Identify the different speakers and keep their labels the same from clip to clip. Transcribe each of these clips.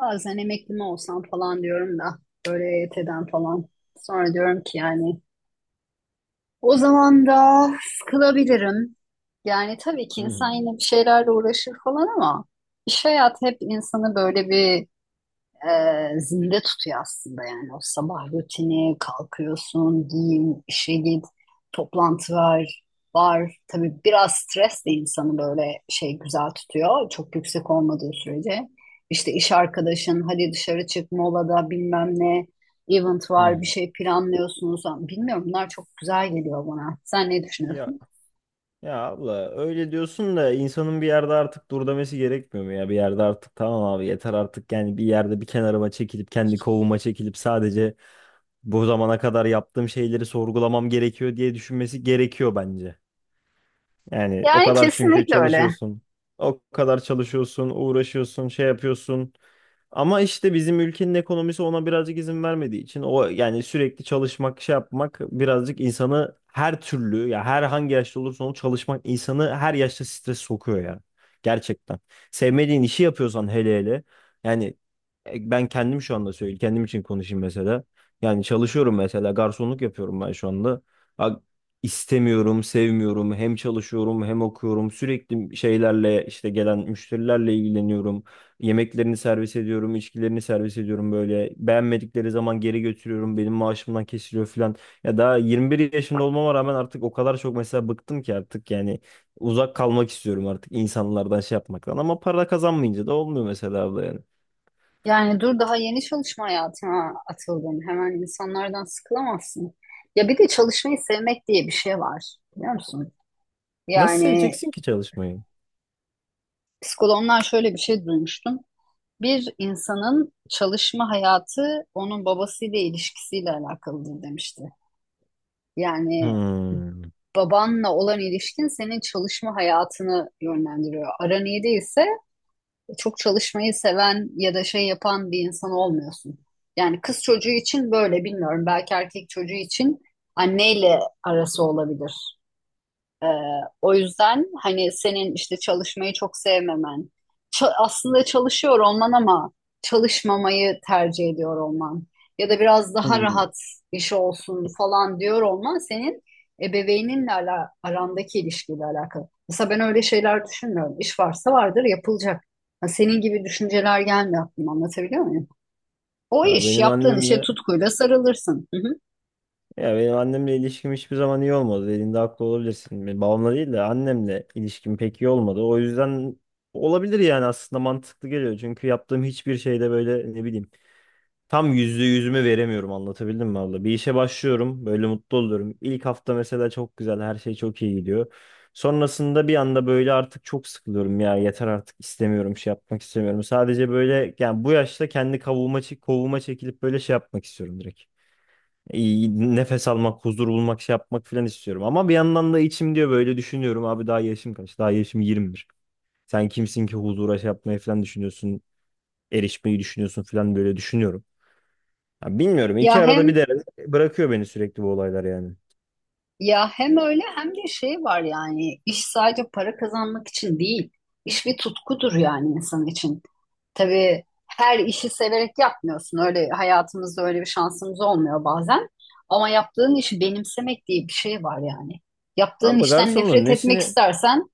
Speaker 1: Bazen emekli mi olsam falan diyorum da böyle EYT'den falan. Sonra diyorum ki yani o zaman da sıkılabilirim. Yani tabii ki
Speaker 2: Hı
Speaker 1: insan
Speaker 2: hı.
Speaker 1: yine bir şeylerle uğraşır falan ama iş hayatı hep insanı böyle bir e, zinde tutuyor aslında yani o sabah rutini kalkıyorsun giyin işe git toplantı var tabii biraz stres de insanı böyle şey güzel tutuyor çok yüksek olmadığı sürece işte iş arkadaşın hadi dışarı çık molada bilmem ne event
Speaker 2: Hı
Speaker 1: var bir
Speaker 2: hı.
Speaker 1: şey planlıyorsunuz bilmiyorum bunlar çok güzel geliyor bana sen ne
Speaker 2: Ya
Speaker 1: düşünüyorsun?
Speaker 2: ya abla öyle diyorsun da insanın bir yerde artık dur demesi gerekmiyor mu ya? Bir yerde artık tamam abi yeter artık yani bir yerde bir kenarıma çekilip kendi kovuma çekilip sadece bu zamana kadar yaptığım şeyleri sorgulamam gerekiyor diye düşünmesi gerekiyor bence. Yani o
Speaker 1: Yani
Speaker 2: kadar çünkü
Speaker 1: kesinlikle öyle.
Speaker 2: çalışıyorsun. O kadar çalışıyorsun, uğraşıyorsun, şey yapıyorsun. Ama işte bizim ülkenin ekonomisi ona birazcık izin vermediği için o yani sürekli çalışmak şey yapmak birazcık insanı her türlü ya her hangi yaşta olursa olsun çalışmak insanı her yaşta stres sokuyor ya. Gerçekten. Sevmediğin işi yapıyorsan hele hele yani ben kendim şu anda söyleyeyim kendim için konuşayım mesela. Yani çalışıyorum mesela garsonluk yapıyorum ben şu anda. Ha, istemiyorum, sevmiyorum. Hem çalışıyorum hem okuyorum. Sürekli şeylerle işte gelen müşterilerle ilgileniyorum. Yemeklerini servis ediyorum, içkilerini servis ediyorum böyle. Beğenmedikleri zaman geri götürüyorum. Benim maaşımdan kesiliyor falan. Ya daha 21 yaşında olmama rağmen artık o kadar çok mesela bıktım ki artık yani uzak kalmak istiyorum artık insanlardan şey yapmaktan. Ama para kazanmayınca da olmuyor mesela abla yani.
Speaker 1: Yani dur daha yeni çalışma hayatına atıldın. Hemen insanlardan sıkılamazsın. Ya bir de çalışmayı sevmek diye bir şey var. Biliyor musun?
Speaker 2: Nasıl
Speaker 1: Yani
Speaker 2: seveceksin ki çalışmayı?
Speaker 1: psikologlar şöyle bir şey duymuştum. Bir insanın çalışma hayatı onun babasıyla ilişkisiyle alakalıdır demişti. Yani
Speaker 2: Hmm.
Speaker 1: babanla olan ilişkin senin çalışma hayatını yönlendiriyor. Aran iyi değilse çok çalışmayı seven ya da şey yapan bir insan olmuyorsun. Yani kız çocuğu için böyle bilmiyorum. Belki erkek çocuğu için anneyle arası olabilir. Ee, o yüzden hani senin işte çalışmayı çok sevmemen, aslında çalışıyor olman ama çalışmamayı tercih ediyor olman ya da biraz daha
Speaker 2: Hmm.
Speaker 1: rahat iş olsun falan diyor olman senin ebeveyninle arandaki ilişkiyle alakalı. Mesela ben öyle şeyler düşünmüyorum. İş varsa vardır yapılacak. Ha, senin gibi düşünceler gelmiyor aklıma, anlatabiliyor muyum? O
Speaker 2: Ya
Speaker 1: iş,
Speaker 2: benim
Speaker 1: yaptığın işe
Speaker 2: annemle
Speaker 1: tutkuyla sarılırsın. Hı hı.
Speaker 2: Ya benim annemle ilişkim hiçbir zaman iyi olmadı. Dediğinde haklı olabilirsin. Benim babamla değil de annemle ilişkim pek iyi olmadı. O yüzden olabilir yani aslında mantıklı geliyor. Çünkü yaptığım hiçbir şeyde böyle ne bileyim tam yüzde yüzümü veremiyorum anlatabildim mi abla? Bir işe başlıyorum böyle mutlu oluyorum. İlk hafta mesela çok güzel her şey çok iyi gidiyor. Sonrasında bir anda böyle artık çok sıkılıyorum ya yeter artık istemiyorum şey yapmak istemiyorum. Sadece böyle yani bu yaşta kendi kavuğuma, kovuğuma çekilip böyle şey yapmak istiyorum direkt iyi nefes almak, huzur bulmak, şey yapmak falan istiyorum. Ama bir yandan da içim diyor böyle düşünüyorum. Abi daha yaşım kaç? Daha yaşım 21. Sen kimsin ki huzura şey yapmayı falan düşünüyorsun, erişmeyi düşünüyorsun falan böyle düşünüyorum. Ya bilmiyorum. İki
Speaker 1: Ya
Speaker 2: arada
Speaker 1: hem
Speaker 2: bir derede bırakıyor beni sürekli bu olaylar yani.
Speaker 1: Ya hem öyle hem de şey var, yani iş sadece para kazanmak için değil. İş bir tutkudur yani insan için. Tabii her işi severek yapmıyorsun. Öyle hayatımızda öyle bir şansımız olmuyor bazen. Ama yaptığın işi benimsemek diye bir şey var yani. Yaptığın
Speaker 2: Ama
Speaker 1: işten
Speaker 2: garsonun
Speaker 1: nefret etmek
Speaker 2: nesini
Speaker 1: istersen.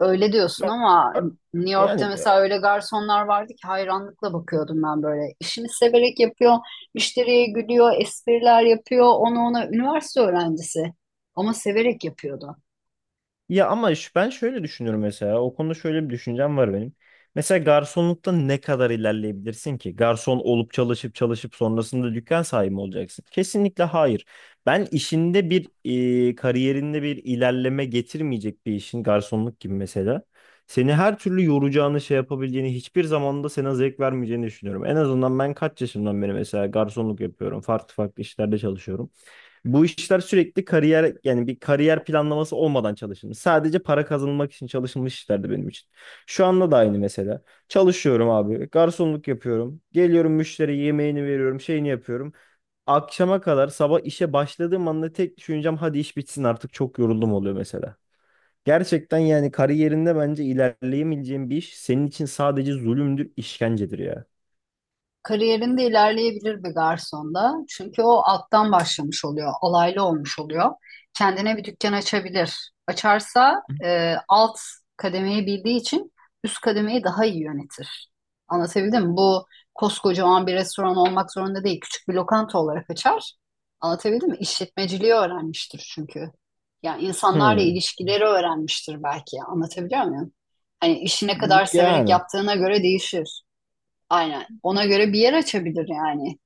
Speaker 1: Öyle diyorsun ama New York'ta
Speaker 2: yani.
Speaker 1: mesela öyle garsonlar vardı ki hayranlıkla bakıyordum ben böyle. İşini severek yapıyor, müşteriye gülüyor, espriler yapıyor. Onu, ona üniversite öğrencisi ama severek yapıyordu.
Speaker 2: Ben şöyle düşünüyorum mesela. O konuda şöyle bir düşüncem var benim. Mesela garsonlukta ne kadar ilerleyebilirsin ki? Garson olup çalışıp çalışıp sonrasında dükkan sahibi mi olacaksın? Kesinlikle hayır. Ben işinde bir kariyerinde bir ilerleme getirmeyecek bir işin garsonluk gibi mesela. Seni her türlü yoracağını şey yapabileceğini hiçbir zamanda sana zevk vermeyeceğini düşünüyorum. En azından ben kaç yaşımdan beri mesela garsonluk yapıyorum. Farklı farklı işlerde çalışıyorum. Bu işler sürekli kariyer yani bir kariyer planlaması olmadan çalışılmış. Sadece para kazanılmak için çalışılmış işlerdi benim için. Şu anda da aynı mesela. Çalışıyorum abi. Garsonluk yapıyorum. Geliyorum müşteriye yemeğini veriyorum. Şeyini yapıyorum. Akşama kadar sabah işe başladığım anda tek düşüncem hadi iş bitsin artık çok yoruldum oluyor mesela. Gerçekten yani kariyerinde bence ilerleyemeyeceğin bir iş senin için sadece zulümdür, işkencedir ya.
Speaker 1: Kariyerinde ilerleyebilir bir garsonda. Çünkü o alttan başlamış oluyor, alaylı olmuş oluyor. Kendine bir dükkan açabilir. Açarsa alt kademeyi bildiği için üst kademeyi daha iyi yönetir. Anlatabildim mi? Bu koskocaman bir restoran olmak zorunda değil. Küçük bir lokanta olarak açar. Anlatabildim mi? İşletmeciliği öğrenmiştir çünkü. Yani insanlarla
Speaker 2: Hmm.
Speaker 1: ilişkileri öğrenmiştir belki. Anlatabiliyor muyum? Hani işi ne kadar severek
Speaker 2: Yani.
Speaker 1: yaptığına göre değişir. Aynen. Ona göre bir yer açabilir yani.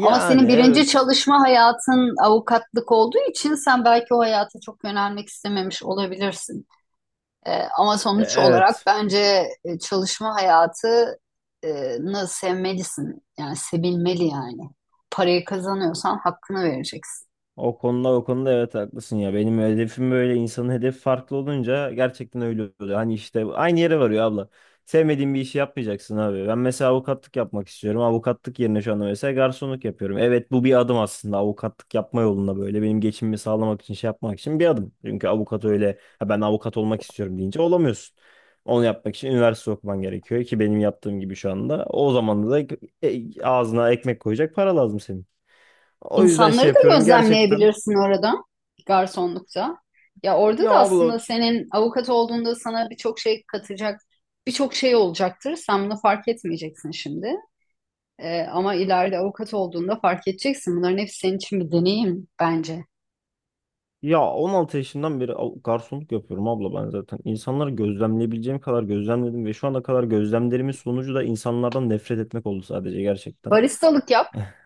Speaker 1: Ama senin birinci
Speaker 2: evet.
Speaker 1: çalışma hayatın avukatlık olduğu için sen belki o hayata çok yönelmek istememiş olabilirsin. Ama sonuç olarak
Speaker 2: Evet.
Speaker 1: bence çalışma hayatını sevmelisin. Yani sevilmeli yani. Parayı kazanıyorsan hakkını vereceksin.
Speaker 2: O konuda o konuda evet haklısın ya. Benim hedefim böyle insanın hedefi farklı olunca gerçekten öyle oluyor. Hani işte aynı yere varıyor abla. Sevmediğin bir işi yapmayacaksın abi. Ben mesela avukatlık yapmak istiyorum. Avukatlık yerine şu anda mesela garsonluk yapıyorum. Evet bu bir adım aslında avukatlık yapma yolunda böyle benim geçimimi sağlamak için şey yapmak için bir adım. Çünkü avukat öyle ha ben avukat olmak istiyorum deyince olamıyorsun. Onu yapmak için üniversite okuman gerekiyor ki benim yaptığım gibi şu anda. O zaman da ağzına ekmek koyacak para lazım senin. O yüzden şey
Speaker 1: İnsanları da
Speaker 2: yapıyorum gerçekten.
Speaker 1: gözlemleyebilirsin orada, garsonlukta. Ya orada
Speaker 2: Ya
Speaker 1: da
Speaker 2: abla
Speaker 1: aslında senin avukat olduğunda sana birçok şey katacak, birçok şey olacaktır. Sen bunu fark etmeyeceksin şimdi. Ama ileride avukat olduğunda fark edeceksin. Bunların hepsi senin için bir deneyim bence.
Speaker 2: ya 16 yaşından beri garsonluk yapıyorum abla ben zaten. İnsanları gözlemleyebileceğim kadar gözlemledim ve şu ana kadar gözlemlerimin sonucu da insanlardan nefret etmek oldu sadece gerçekten.
Speaker 1: Baristalık yap.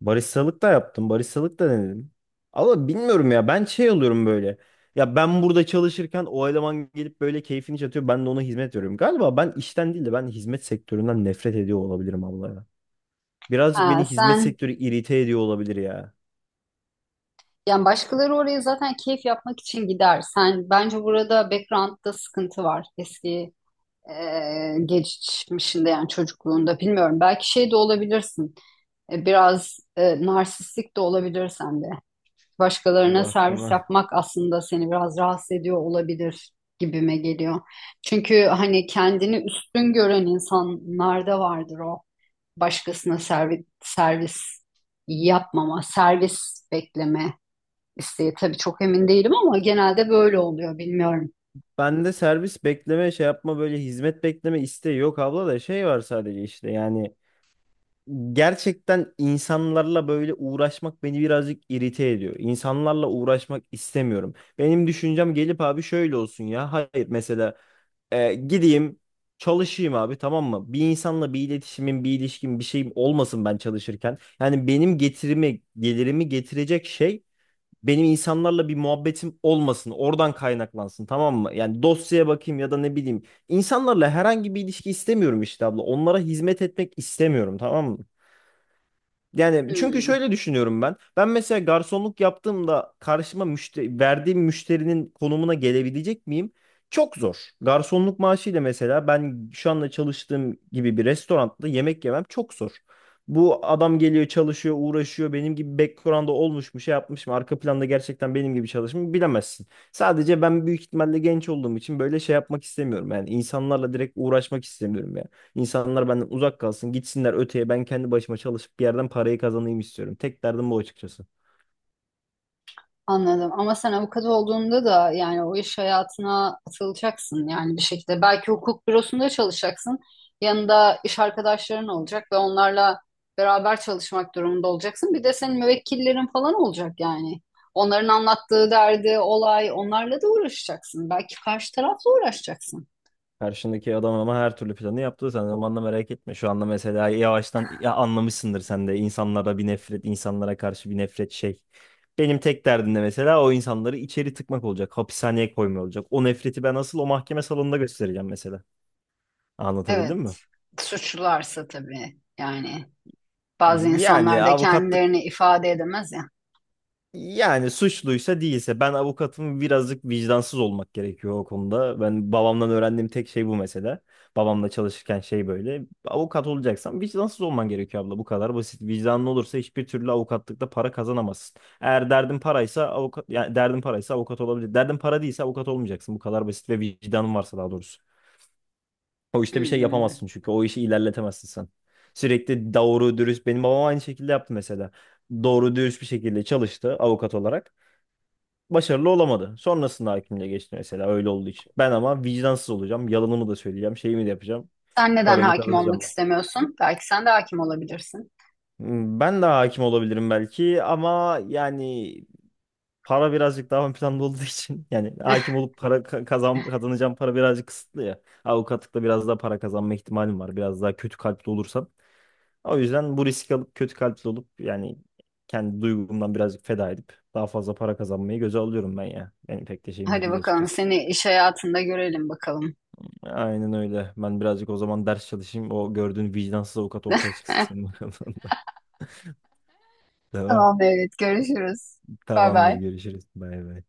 Speaker 2: Baristalık da yaptım, baristalık da denedim. Ama bilmiyorum ya ben şey oluyorum böyle. Ya ben burada çalışırken o eleman gelip böyle keyfini çatıyor ben de ona hizmet veriyorum. Galiba ben işten değil de ben hizmet sektöründen nefret ediyor olabilirim abla ya.
Speaker 1: Ha,
Speaker 2: Birazcık beni hizmet
Speaker 1: sen,
Speaker 2: sektörü irite ediyor olabilir ya.
Speaker 1: yani başkaları oraya zaten keyif yapmak için gider. Sen bence burada background'da sıkıntı var. Eski geçmişinde yani çocukluğunda bilmiyorum. Belki şey de olabilirsin. Biraz narsistik de olabilir sende. Başkalarına
Speaker 2: Eyvah
Speaker 1: servis
Speaker 2: tamam.
Speaker 1: yapmak aslında seni biraz rahatsız ediyor olabilir gibime geliyor. Çünkü hani kendini üstün gören insanlarda vardır o. Başkasına servis, yapmama, servis bekleme isteği. Tabii çok emin değilim ama genelde böyle oluyor, bilmiyorum.
Speaker 2: Bende servis bekleme şey yapma böyle hizmet bekleme isteği yok abla da şey var sadece işte yani gerçekten insanlarla böyle uğraşmak beni birazcık irite ediyor. İnsanlarla uğraşmak istemiyorum. Benim düşüncem gelip abi şöyle olsun ya hayır mesela gideyim çalışayım abi tamam mı? Bir insanla bir iletişimim bir ilişkim bir şeyim olmasın ben çalışırken. Yani benim getirimi gelirimi getirecek şey benim insanlarla bir muhabbetim olmasın. Oradan kaynaklansın tamam mı? Yani dosyaya bakayım ya da ne bileyim. İnsanlarla herhangi bir ilişki istemiyorum işte abla. Onlara hizmet etmek istemiyorum tamam mı? Yani çünkü
Speaker 1: Hmm.
Speaker 2: şöyle düşünüyorum ben. Ben mesela garsonluk yaptığımda karşıma verdiğim müşterinin konumuna gelebilecek miyim? Çok zor. Garsonluk maaşıyla mesela ben şu anda çalıştığım gibi bir restoranda yemek yemem çok zor. Bu adam geliyor çalışıyor uğraşıyor benim gibi background'da olmuş mu şey yapmış mı arka planda gerçekten benim gibi çalışmış mı bilemezsin. Sadece ben büyük ihtimalle genç olduğum için böyle şey yapmak istemiyorum yani insanlarla direkt uğraşmak istemiyorum. İnsanlar benden uzak kalsın, gitsinler öteye. Ben kendi başıma çalışıp bir yerden parayı kazanayım istiyorum. Tek derdim bu açıkçası.
Speaker 1: Anladım. Ama sen avukat olduğunda da yani o iş hayatına atılacaksın yani bir şekilde. Belki hukuk bürosunda çalışacaksın. Yanında iş arkadaşların olacak ve onlarla beraber çalışmak durumunda olacaksın. Bir de senin müvekkillerin falan olacak yani. Onların anlattığı derdi, olay, onlarla da uğraşacaksın. Belki karşı tarafla uğraşacaksın.
Speaker 2: Karşındaki adam ama her türlü planı yaptı. Sen zamanla merak etme. Şu anda mesela yavaştan ya anlamışsındır sen de insanlara bir nefret, insanlara karşı bir nefret şey. Benim tek derdim de mesela o insanları içeri tıkmak olacak. Hapishaneye koymuyor olacak. O nefreti ben asıl o mahkeme salonunda göstereceğim mesela. Anlatabildim mi?
Speaker 1: Evet. Suçlularsa tabii yani, bazı
Speaker 2: Yani
Speaker 1: insanlar da
Speaker 2: avukatlık
Speaker 1: kendilerini ifade edemez ya.
Speaker 2: Yani suçluysa değilse ben avukatım birazcık vicdansız olmak gerekiyor o konuda. Ben babamdan öğrendiğim tek şey bu mesela. Babamla çalışırken şey böyle. Avukat olacaksan vicdansız olman gerekiyor abla bu kadar basit. Vicdanlı olursa hiçbir türlü avukatlıkta para kazanamazsın. Eğer derdin paraysa avukat yani derdin paraysa avukat olabilir. Derdin para değilse avukat olmayacaksın. Bu kadar basit ve vicdanın varsa daha doğrusu. O işte bir şey
Speaker 1: Hmm.
Speaker 2: yapamazsın çünkü o işi ilerletemezsin sen. Sürekli doğru dürüst benim babam aynı şekilde yaptı mesela. Doğru dürüst bir şekilde çalıştı avukat olarak. Başarılı olamadı. Sonrasında hakimliğe geçti mesela öyle olduğu için. Ben ama vicdansız olacağım. Yalanımı da söyleyeceğim. Şeyimi de yapacağım.
Speaker 1: Sen neden
Speaker 2: Paramı
Speaker 1: hakim olmak
Speaker 2: kazanacağım ben.
Speaker 1: istemiyorsun? Belki sen de hakim olabilirsin.
Speaker 2: Hmm, ben de hakim olabilirim belki ama yani para birazcık daha ön planda olduğu için yani hakim olup para kazanacağım para birazcık kısıtlı ya. Avukatlıkta biraz daha para kazanma ihtimalim var. Biraz daha kötü kalpli olursam. O yüzden bu riski alıp kötü kalpli olup yani kendi duygumdan birazcık feda edip daha fazla para kazanmayı göze alıyorum ben ya. Benim pek de şeyim de
Speaker 1: Hadi
Speaker 2: değil
Speaker 1: bakalım,
Speaker 2: açıkçası.
Speaker 1: seni iş hayatında görelim bakalım.
Speaker 2: Aynen öyle. Ben birazcık o zaman ders çalışayım. O gördüğün vicdansız avukat ortaya çıksın senin bakalım. Tamam.
Speaker 1: Tamam, evet, görüşürüz. Bay
Speaker 2: Tamamdır.
Speaker 1: bay.
Speaker 2: Görüşürüz. Bay bay.